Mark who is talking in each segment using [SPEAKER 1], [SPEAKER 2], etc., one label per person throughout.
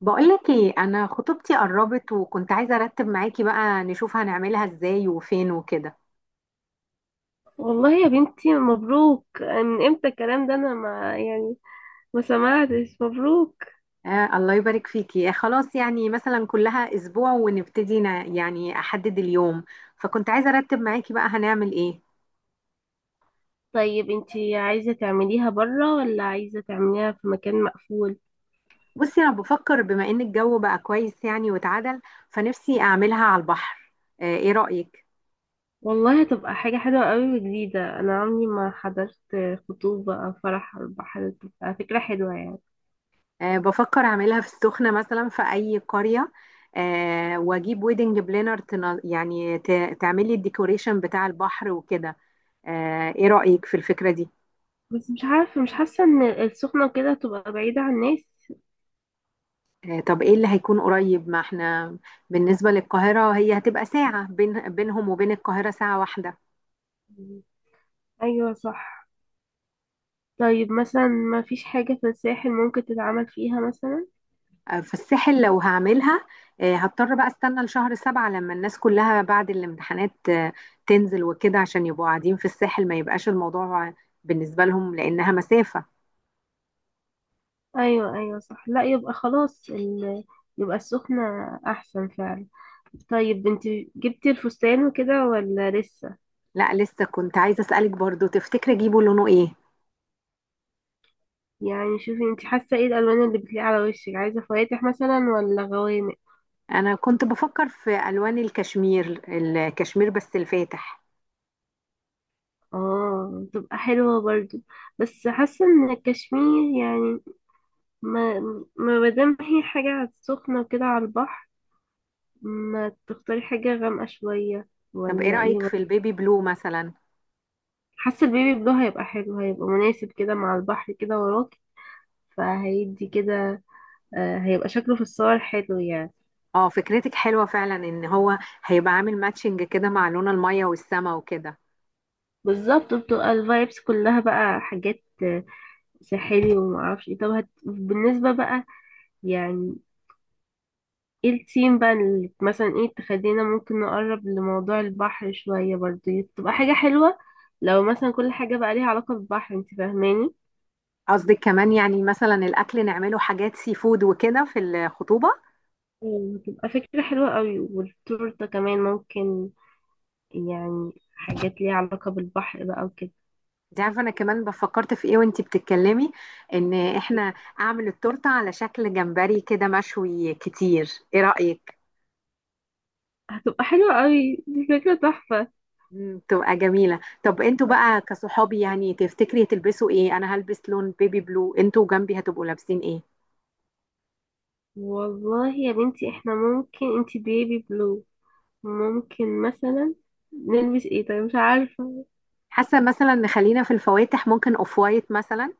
[SPEAKER 1] بقولك ايه، انا خطوبتي قربت وكنت عايزه ارتب معاكي بقى نشوف هنعملها ازاي وفين وكده.
[SPEAKER 2] والله يا بنتي، مبروك. من امتى الكلام ده؟ انا ما يعني ما سمعتش مبروك.
[SPEAKER 1] آه، الله يبارك فيكي. خلاص يعني مثلا كلها اسبوع ونبتدي يعني احدد اليوم. فكنت عايزه ارتب معاكي بقى هنعمل ايه؟
[SPEAKER 2] طيب انتي عايزة تعمليها بره ولا عايزة تعمليها في مكان مقفول؟
[SPEAKER 1] بصي، انا بفكر بما ان الجو بقى كويس يعني واتعدل، فنفسي اعملها على البحر. ايه رأيك؟
[SPEAKER 2] والله هتبقى حاجة حلوة قوي وجديدة، انا عمري ما حضرت خطوبة او فرح على البحر. بتبقى فكرة حلوة يعني.
[SPEAKER 1] آه، بفكر اعملها في السخنه مثلا في اي قريه. واجيب ويدنج بلانر. يعني تعملي الديكوريشن بتاع البحر وكده. ايه رأيك في الفكرة دي؟
[SPEAKER 2] بس مش عارفة، مش حاسة ان السخنة وكده تبقى بعيدة عن الناس.
[SPEAKER 1] طب ايه اللي هيكون قريب؟ ما احنا بالنسبة للقاهرة هي هتبقى ساعة، بينهم وبين القاهرة ساعة واحدة.
[SPEAKER 2] ايوه صح. طيب مثلا ما فيش حاجة في الساحل ممكن تتعمل فيها مثلا؟
[SPEAKER 1] آه، فالساحل لو هعملها، هضطر بقى استنى لشهر سبعة لما الناس كلها بعد الامتحانات تنزل وكده عشان يبقوا قاعدين في الساحل، ما يبقاش الموضوع بالنسبة لهم لأنها مسافة.
[SPEAKER 2] ايوه ايوه صح. لا يبقى خلاص يبقى السخنة احسن فعلا. طيب انت جبتي الفستان وكده ولا لسه؟
[SPEAKER 1] لا لسه، كنت عايزة أسألك برضو، تفتكري اجيبه لونه ايه؟
[SPEAKER 2] يعني شوفي، انت حاسة ايه الالوان اللي بتليق على وشك؟ عايزة فواتح مثلا ولا غوامق؟
[SPEAKER 1] انا كنت بفكر في ألوان الكشمير بس الفاتح.
[SPEAKER 2] اه تبقى حلوة برضو، بس حاسة ان الكشمير يعني ما ما مادام هي حاجة سخنة وكده على البحر، ما تختاري حاجة غامقة شوية،
[SPEAKER 1] طب ايه
[SPEAKER 2] ولا ايه؟
[SPEAKER 1] رأيك في البيبي بلو مثلا؟
[SPEAKER 2] حاسة البيبي بلو هيبقى حلو، هيبقى مناسب كده مع البحر كده وراك، فهيدي كده. هيبقى شكله في الصور حلو يعني.
[SPEAKER 1] اه، فكرتك حلوة فعلا. ان هو هيبقى عامل ماتشنج كده مع لون المية والسما وكده.
[SPEAKER 2] بالظبط، بتبقى الفايبس كلها بقى حاجات ساحلي ومعرفش ايه. طب بالنسبة بقى يعني ايه الثيم بقى اللي مثلا ايه تخلينا ممكن نقرب لموضوع البحر شوية برضه تبقى حاجة حلوة. لو مثلا كل حاجة بقى ليها علاقة بالبحر، انت فاهماني؟
[SPEAKER 1] قصدك كمان يعني مثلا الاكل نعمله حاجات سي فود وكده في الخطوبة؟
[SPEAKER 2] تبقى فكرة حلوة قوي، والتورتة كمان ممكن يعني حاجات ليها علاقة بالبحر بقى وكده.
[SPEAKER 1] انت عارفة انا كمان بفكرت في ايه وانت بتتكلمي؟ ان احنا اعمل التورتة على شكل جمبري كده مشوي كتير. ايه رأيك؟
[SPEAKER 2] هتبقى حلوة قوي، دي فكرة تحفة.
[SPEAKER 1] مم، تبقى جميلة. طب انتوا بقى كصحابي يعني تفتكري تلبسوا ايه؟ انا هلبس لون بيبي بلو، انتوا جنبي هتبقوا لابسين ايه؟
[SPEAKER 2] والله يا بنتي، احنا ممكن انتي بيبي بلو، ممكن مثلا نلبس ايه؟ طيب مش عارفة.
[SPEAKER 1] حاسة مثلا نخلينا في الفواتح، ممكن اوف وايت مثلا.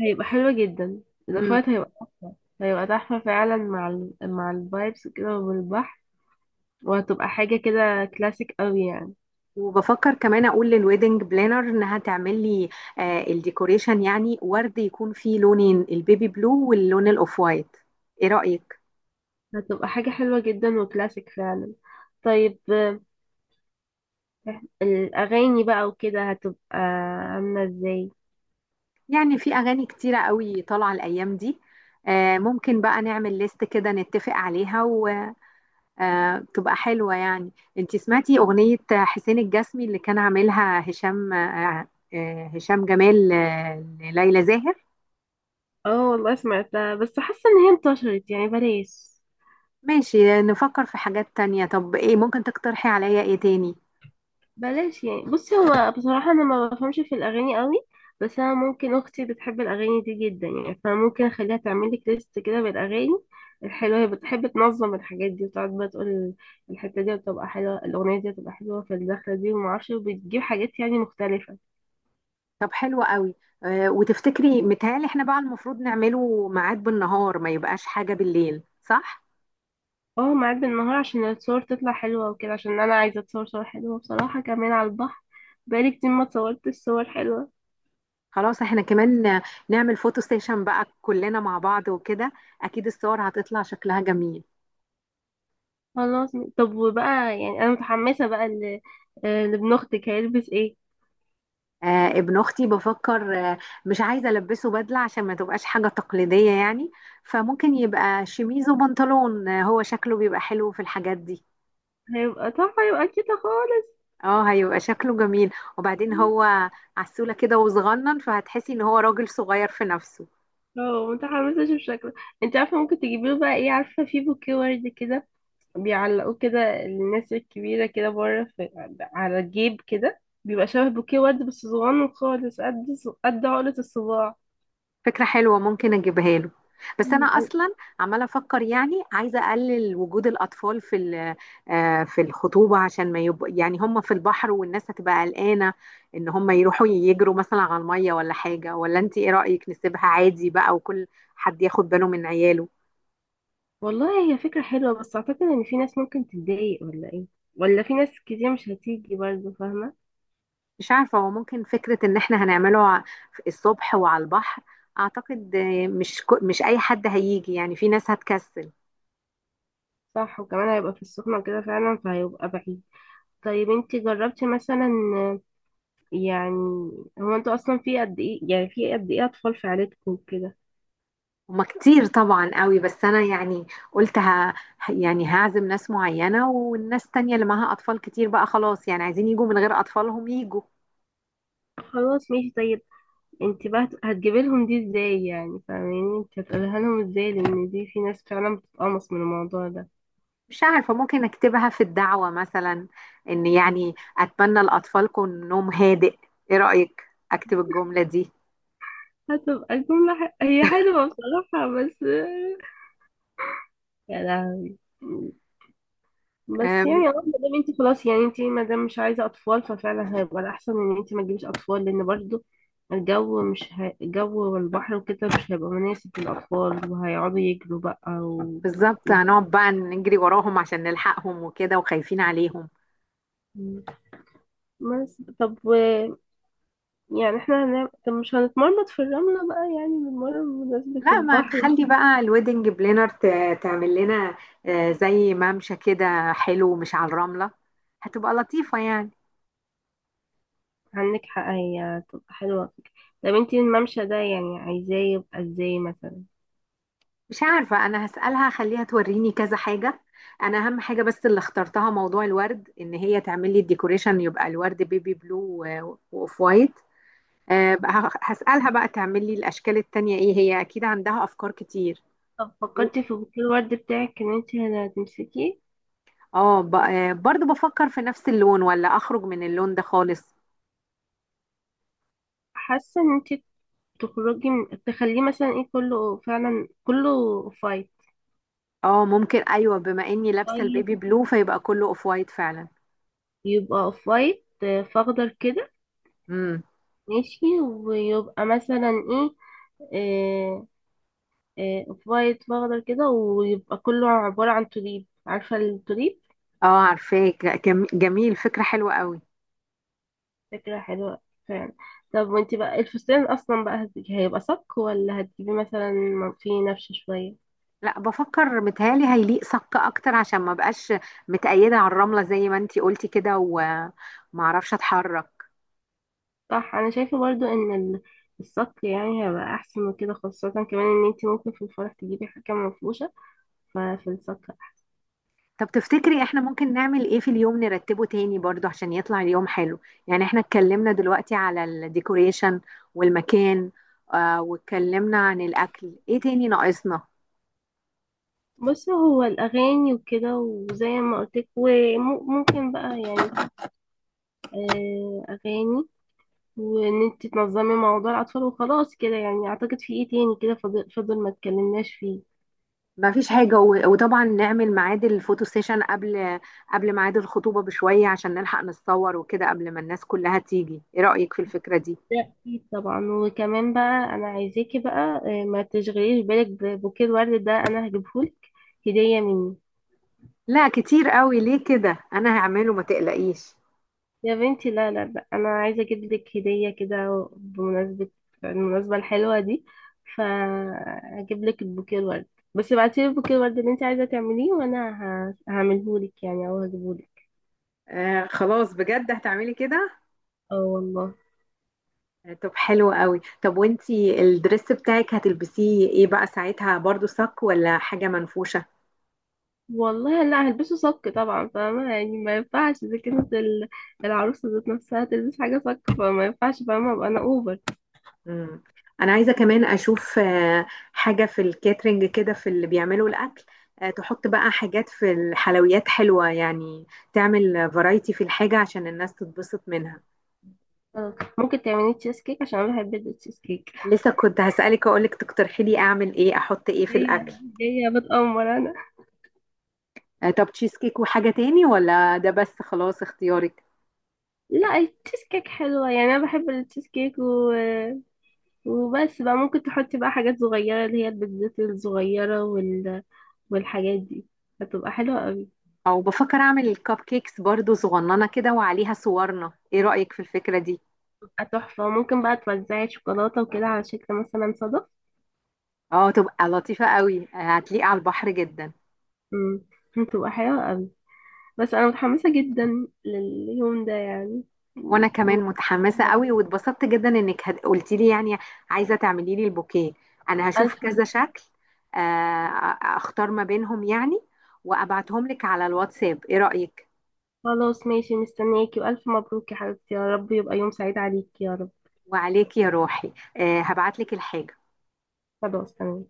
[SPEAKER 2] هيبقى حلوة جدا، الاوفرت هيبقى تحفة، هيبقى تحفة فعلا مع مع الفايبس كده والبحر، وهتبقى حاجة كده كلاسيك قوي يعني.
[SPEAKER 1] وبفكر كمان اقول للويدنج بلانر انها تعمل لي الديكوريشن، يعني ورد يكون فيه لونين، البيبي بلو واللون الاوف وايت. ايه رأيك؟
[SPEAKER 2] هتبقى حاجة حلوة جدا وكلاسيك فعلا. طيب، الأغاني بقى وكده هتبقى عاملة ازاي؟
[SPEAKER 1] يعني في اغاني كتيرة قوي طالعة الايام دي. ممكن بقى نعمل ليست كده نتفق عليها وتبقى حلوة يعني. انتي سمعتي اغنية حسين الجسمي اللي كان عاملها هشام؟ هشام جمال، ليلى زاهر.
[SPEAKER 2] اه والله سمعتها، بس حاسة ان هي انتشرت يعني، بلاش.
[SPEAKER 1] ماشي، نفكر في حاجات تانية. طب ايه ممكن تقترحي عليا ايه تاني؟
[SPEAKER 2] بلاش يعني. بصي، هو بصراحة أنا ما بفهمش في الأغاني قوي، بس أنا ممكن أختي بتحب الأغاني دي جدا يعني، فممكن أخليها تعمل لك ليست كده بالأغاني الحلوة. هي بتحب تنظم الحاجات دي، وتقعد بقى تقول الحتة دي بتبقى حلوة، الأغنية دي بتبقى حلوة في الدخلة دي، ومعرفش بتجيب حاجات يعني مختلفة.
[SPEAKER 1] طب حلو قوي. وتفتكري متهيألي احنا بقى المفروض نعمله ميعاد بالنهار، ما يبقاش حاجة بالليل، صح؟
[SPEAKER 2] اه معاد بالنهار عشان الصور تطلع حلوة وكده، عشان أنا عايزة أتصور صور حلوة بصراحة كمان على البحر. بقالي كتير ما اتصورتش صور حلوة.
[SPEAKER 1] خلاص احنا كمان نعمل فوتو ستيشن بقى كلنا مع بعض وكده. اكيد الصور هتطلع شكلها جميل.
[SPEAKER 2] خلاص. طب وبقى يعني أنا متحمسة بقى لابن أختك هيلبس ايه؟
[SPEAKER 1] آه، ابن اختي بفكر. مش عايزة البسه بدلة عشان ما تبقاش حاجة تقليدية يعني. فممكن يبقى شميز وبنطلون. هو شكله بيبقى حلو في الحاجات دي.
[SPEAKER 2] هيبقى تحفة، هيبقى كده خالص.
[SPEAKER 1] اه، هيبقى شكله جميل. وبعدين هو عسولة كده وصغنن، فهتحسي ان هو راجل صغير في نفسه.
[SPEAKER 2] اه متحمسة اشوف شكله. انت عارفة ممكن تجيبيله بقى ايه؟ عارفة في بوكيه ورد كده بيعلقوه كده الناس الكبيرة كده بره في على الجيب كده، بيبقى شبه بوكيه ورد بس صغنن خالص قد عقلة الصباع.
[SPEAKER 1] فكرة حلوة، ممكن اجيبها له. بس انا
[SPEAKER 2] مم.
[SPEAKER 1] اصلا عمالة افكر، يعني عايزة اقلل وجود الاطفال في الخطوبة، عشان ما يبقوا يعني هم في البحر والناس هتبقى قلقانة ان هم يروحوا يجروا مثلا على المية ولا حاجة. ولا انت ايه رأيك نسيبها عادي بقى وكل حد ياخد باله من عياله؟
[SPEAKER 2] والله هي فكرة حلوة، بس أعتقد إن في ناس ممكن تتضايق ولا إيه؟ ولا في ناس كتير مش هتيجي برضه، فاهمة؟
[SPEAKER 1] مش عارفة، هو ممكن فكرة ان احنا هنعمله الصبح وعلى البحر. اعتقد مش اي حد هيجي، يعني في ناس هتكسل.
[SPEAKER 2] صح، وكمان هيبقى في السخنة كده فعلا فهيبقى بعيد. طيب انتي جربتي مثلا يعني، هو انتوا اصلا في قد ايه يعني، في قد ايه اطفال في عيلتكم كده؟
[SPEAKER 1] هما كتير طبعا قوي، بس انا يعني قلت يعني هعزم ناس معينة، والناس تانية اللي معاها اطفال كتير بقى خلاص، يعني عايزين يجوا من غير اطفالهم يجوا.
[SPEAKER 2] خلاص ماشي. طيب انت بقى هتجيبي لهم دي ازاي؟ يعني فاهماني، انت هتقولها لهم ازاي؟ لان دي في ناس فعلا بتتقمص من الموضوع ده.
[SPEAKER 1] مش عارفة، ممكن اكتبها في الدعوة مثلا، ان يعني اتمنى لاطفالكم نوم هادئ. ايه رأيك اكتب الجملة دي؟
[SPEAKER 2] هتبقى الجملة هي حلوة بصراحة، بس يا لهوي. بس
[SPEAKER 1] آه،
[SPEAKER 2] يعني اه، ما دام انت خلاص يعني، انت ما دام مش عايزه اطفال، ففعلا هيبقى الاحسن ان انت ما تجيبيش اطفال، لان برضو الجو مش هي... الجو والبحر وكده مش هيبقى مناسب للاطفال، وهيقعدوا يجروا بقى
[SPEAKER 1] بالظبط. هنقعد بقى نجري وراهم عشان نلحقهم وكده وخايفين عليهم.
[SPEAKER 2] و- بس طب يعني احنا طب مش هنتمرمط في الرمله بقى، يعني بنتمرمط بمناسبة
[SPEAKER 1] لا، ما
[SPEAKER 2] البحر.
[SPEAKER 1] نخلي بقى الويدنج بلانر تعمل لنا زي ممشى كده حلو، مش على الرملة. هتبقى لطيفة يعني.
[SPEAKER 2] عندك حق، هي تبقى حلوه فكرة. طب انت الممشى ده يعني عايزاه يبقى ازاي مثلا؟
[SPEAKER 1] مش عارفة، أنا هسألها خليها توريني كذا حاجة. أنا أهم حاجة بس اللي اخترتها موضوع الورد، إن هي تعمل لي الديكوريشن يبقى الورد بيبي بلو وأوف وايت. بقى هسألها بقى تعمل لي الأشكال التانية إيه، هي أكيد عندها أفكار كتير.
[SPEAKER 2] طب
[SPEAKER 1] و-
[SPEAKER 2] فكرتي في بouquet الورد بتاعك ان انت هتمسكيه؟
[SPEAKER 1] اه، برضو بفكر في نفس اللون، ولا أخرج من اللون ده خالص؟
[SPEAKER 2] حاسه ان انت تخرجي تخليه مثلا ايه كله، فعلا كله اوف وايت.
[SPEAKER 1] اه ممكن، ايوه، بما اني لابسه
[SPEAKER 2] طيب،
[SPEAKER 1] البيبي بلو فيبقى كله اوف وايت فعلا.
[SPEAKER 2] يبقى اوف وايت فاخضر كده.
[SPEAKER 1] امم.
[SPEAKER 2] ماشي، ويبقى مثلا ايه؟ آه، اوف وايت فاخضر كده ويبقى كله عبارة عن توليب، عارفة التوليب؟
[SPEAKER 1] اه عارفاك. لا، جميل، فكره حلوه قوي.
[SPEAKER 2] فكرة حلوة فعلا. طب وانتي بقى الفستان اصلا بقى هيبقى صك ولا هتجيبي مثلا فيه نفش شوية؟
[SPEAKER 1] لا، بفكر متهيالي هيليق صك اكتر، عشان ما بقاش متقيده على الرمله زي ما انتي قلتي كده، وما اعرفش اتحرك.
[SPEAKER 2] صح، انا شايفة برضو ان الصك يعني هيبقى احسن وكده، خاصة كمان ان انتي ممكن في الفرح تجيبي حاجة منفوشة في السكر.
[SPEAKER 1] طب تفتكري احنا ممكن نعمل ايه في اليوم نرتبه تاني برضو عشان يطلع اليوم حلو؟ يعني احنا اتكلمنا دلوقتي على الديكوريشن والمكان، واتكلمنا عن الاكل. ايه تاني ناقصنا؟
[SPEAKER 2] بص، هو الأغاني وكده وزي ما قلتلك، وممكن بقى يعني أغاني، وإن انت تنظمي موضوع الأطفال، وخلاص كده يعني. أعتقد في ايه تاني كده فضل ما اتكلمناش فيه.
[SPEAKER 1] ما فيش حاجة. وطبعا نعمل ميعاد الفوتو سيشن قبل ميعاد الخطوبة بشوية عشان نلحق نتصور وكده قبل ما الناس كلها تيجي. ايه رأيك في الفكرة دي؟
[SPEAKER 2] ده أكيد طبعا، وكمان بقى أنا عايزاكي بقى ما تشغليش بالك ببوكيه الورد ده، أنا هجيبهولك هدية مني.
[SPEAKER 1] لا كتير قوي، ليه كده؟ انا هعمله، ما تقلقيش.
[SPEAKER 2] يا بنتي لا لا لا، انا عايزه اجيب لك هديه كده بمناسبه المناسبه الحلوه دي، فاجيب لك البوكيه الورد. بس ابعتي لي البوكيه الورد اللي انت عايزه تعمليه وانا هعمله لك يعني او هجيبه لك.
[SPEAKER 1] آه، خلاص، بجد هتعملي كده؟
[SPEAKER 2] اه والله.
[SPEAKER 1] آه، طب حلو قوي. طب وانتي الدريس بتاعك هتلبسيه ايه بقى ساعتها، برضو صك ولا حاجة منفوشة؟
[SPEAKER 2] والله لا هلبسه صك طبعا، فاهمه يعني ما ينفعش اذا كانت العروسه ذات نفسها تلبس حاجه صك فما ينفعش، فاهمه ابقى انا اوفر.
[SPEAKER 1] مم. انا عايزه كمان اشوف حاجه في الكاترينج كده، في اللي بيعملوا الاكل. تحط بقى حاجات في الحلويات حلوه يعني، تعمل فرايتي في الحاجه عشان الناس تتبسط منها.
[SPEAKER 2] خلاص، ممكن تعملي تشيز كيك عشان انا بحب التشيز كيك.
[SPEAKER 1] لسه كنت هسالك اقولك تقترحي لي اعمل ايه، احط ايه في
[SPEAKER 2] هي
[SPEAKER 1] الاكل.
[SPEAKER 2] جايه بتأمر انا.
[SPEAKER 1] آه، طب تشيز كيك وحاجه تاني ولا ده بس؟ خلاص، اختيارك.
[SPEAKER 2] لا التشيز كيك حلوة يعني، أنا بحب التشيز كيك وبس بقى. ممكن تحطي بقى حاجات صغيرة، اللي هي البيتزات الصغيرة والحاجات دي هتبقى حلوة قوي.
[SPEAKER 1] او بفكر اعمل الكب كيكس برضو صغننه كده وعليها صورنا. ايه رايك في الفكره دي؟
[SPEAKER 2] هتبقى تحفة، وممكن بقى توزعي شوكولاتة وكده على شكل مثلا صدف.
[SPEAKER 1] اه، تبقى لطيفه قوي. هتليق على البحر جدا.
[SPEAKER 2] مم. هتبقى حلوة قوي. بس أنا متحمسة جدا لليوم ده يعني
[SPEAKER 1] وانا كمان
[SPEAKER 2] و-
[SPEAKER 1] متحمسه قوي،
[SPEAKER 2] مبروك.
[SPEAKER 1] واتبسطت جدا انك قلتي لي يعني عايزه تعملي لي البوكيه. انا هشوف
[SPEAKER 2] ألف.
[SPEAKER 1] كذا شكل، آه، اختار ما بينهم يعني، وابعتهم لك على الواتساب. ايه رايك؟
[SPEAKER 2] خلاص ماشي مستنياكي، وألف مبروك يا حبيبتي، يا رب يبقى يوم سعيد عليكي يا رب.
[SPEAKER 1] وعليك يا روحي. آه، هبعت لك الحاجه.
[SPEAKER 2] خلاص تمام.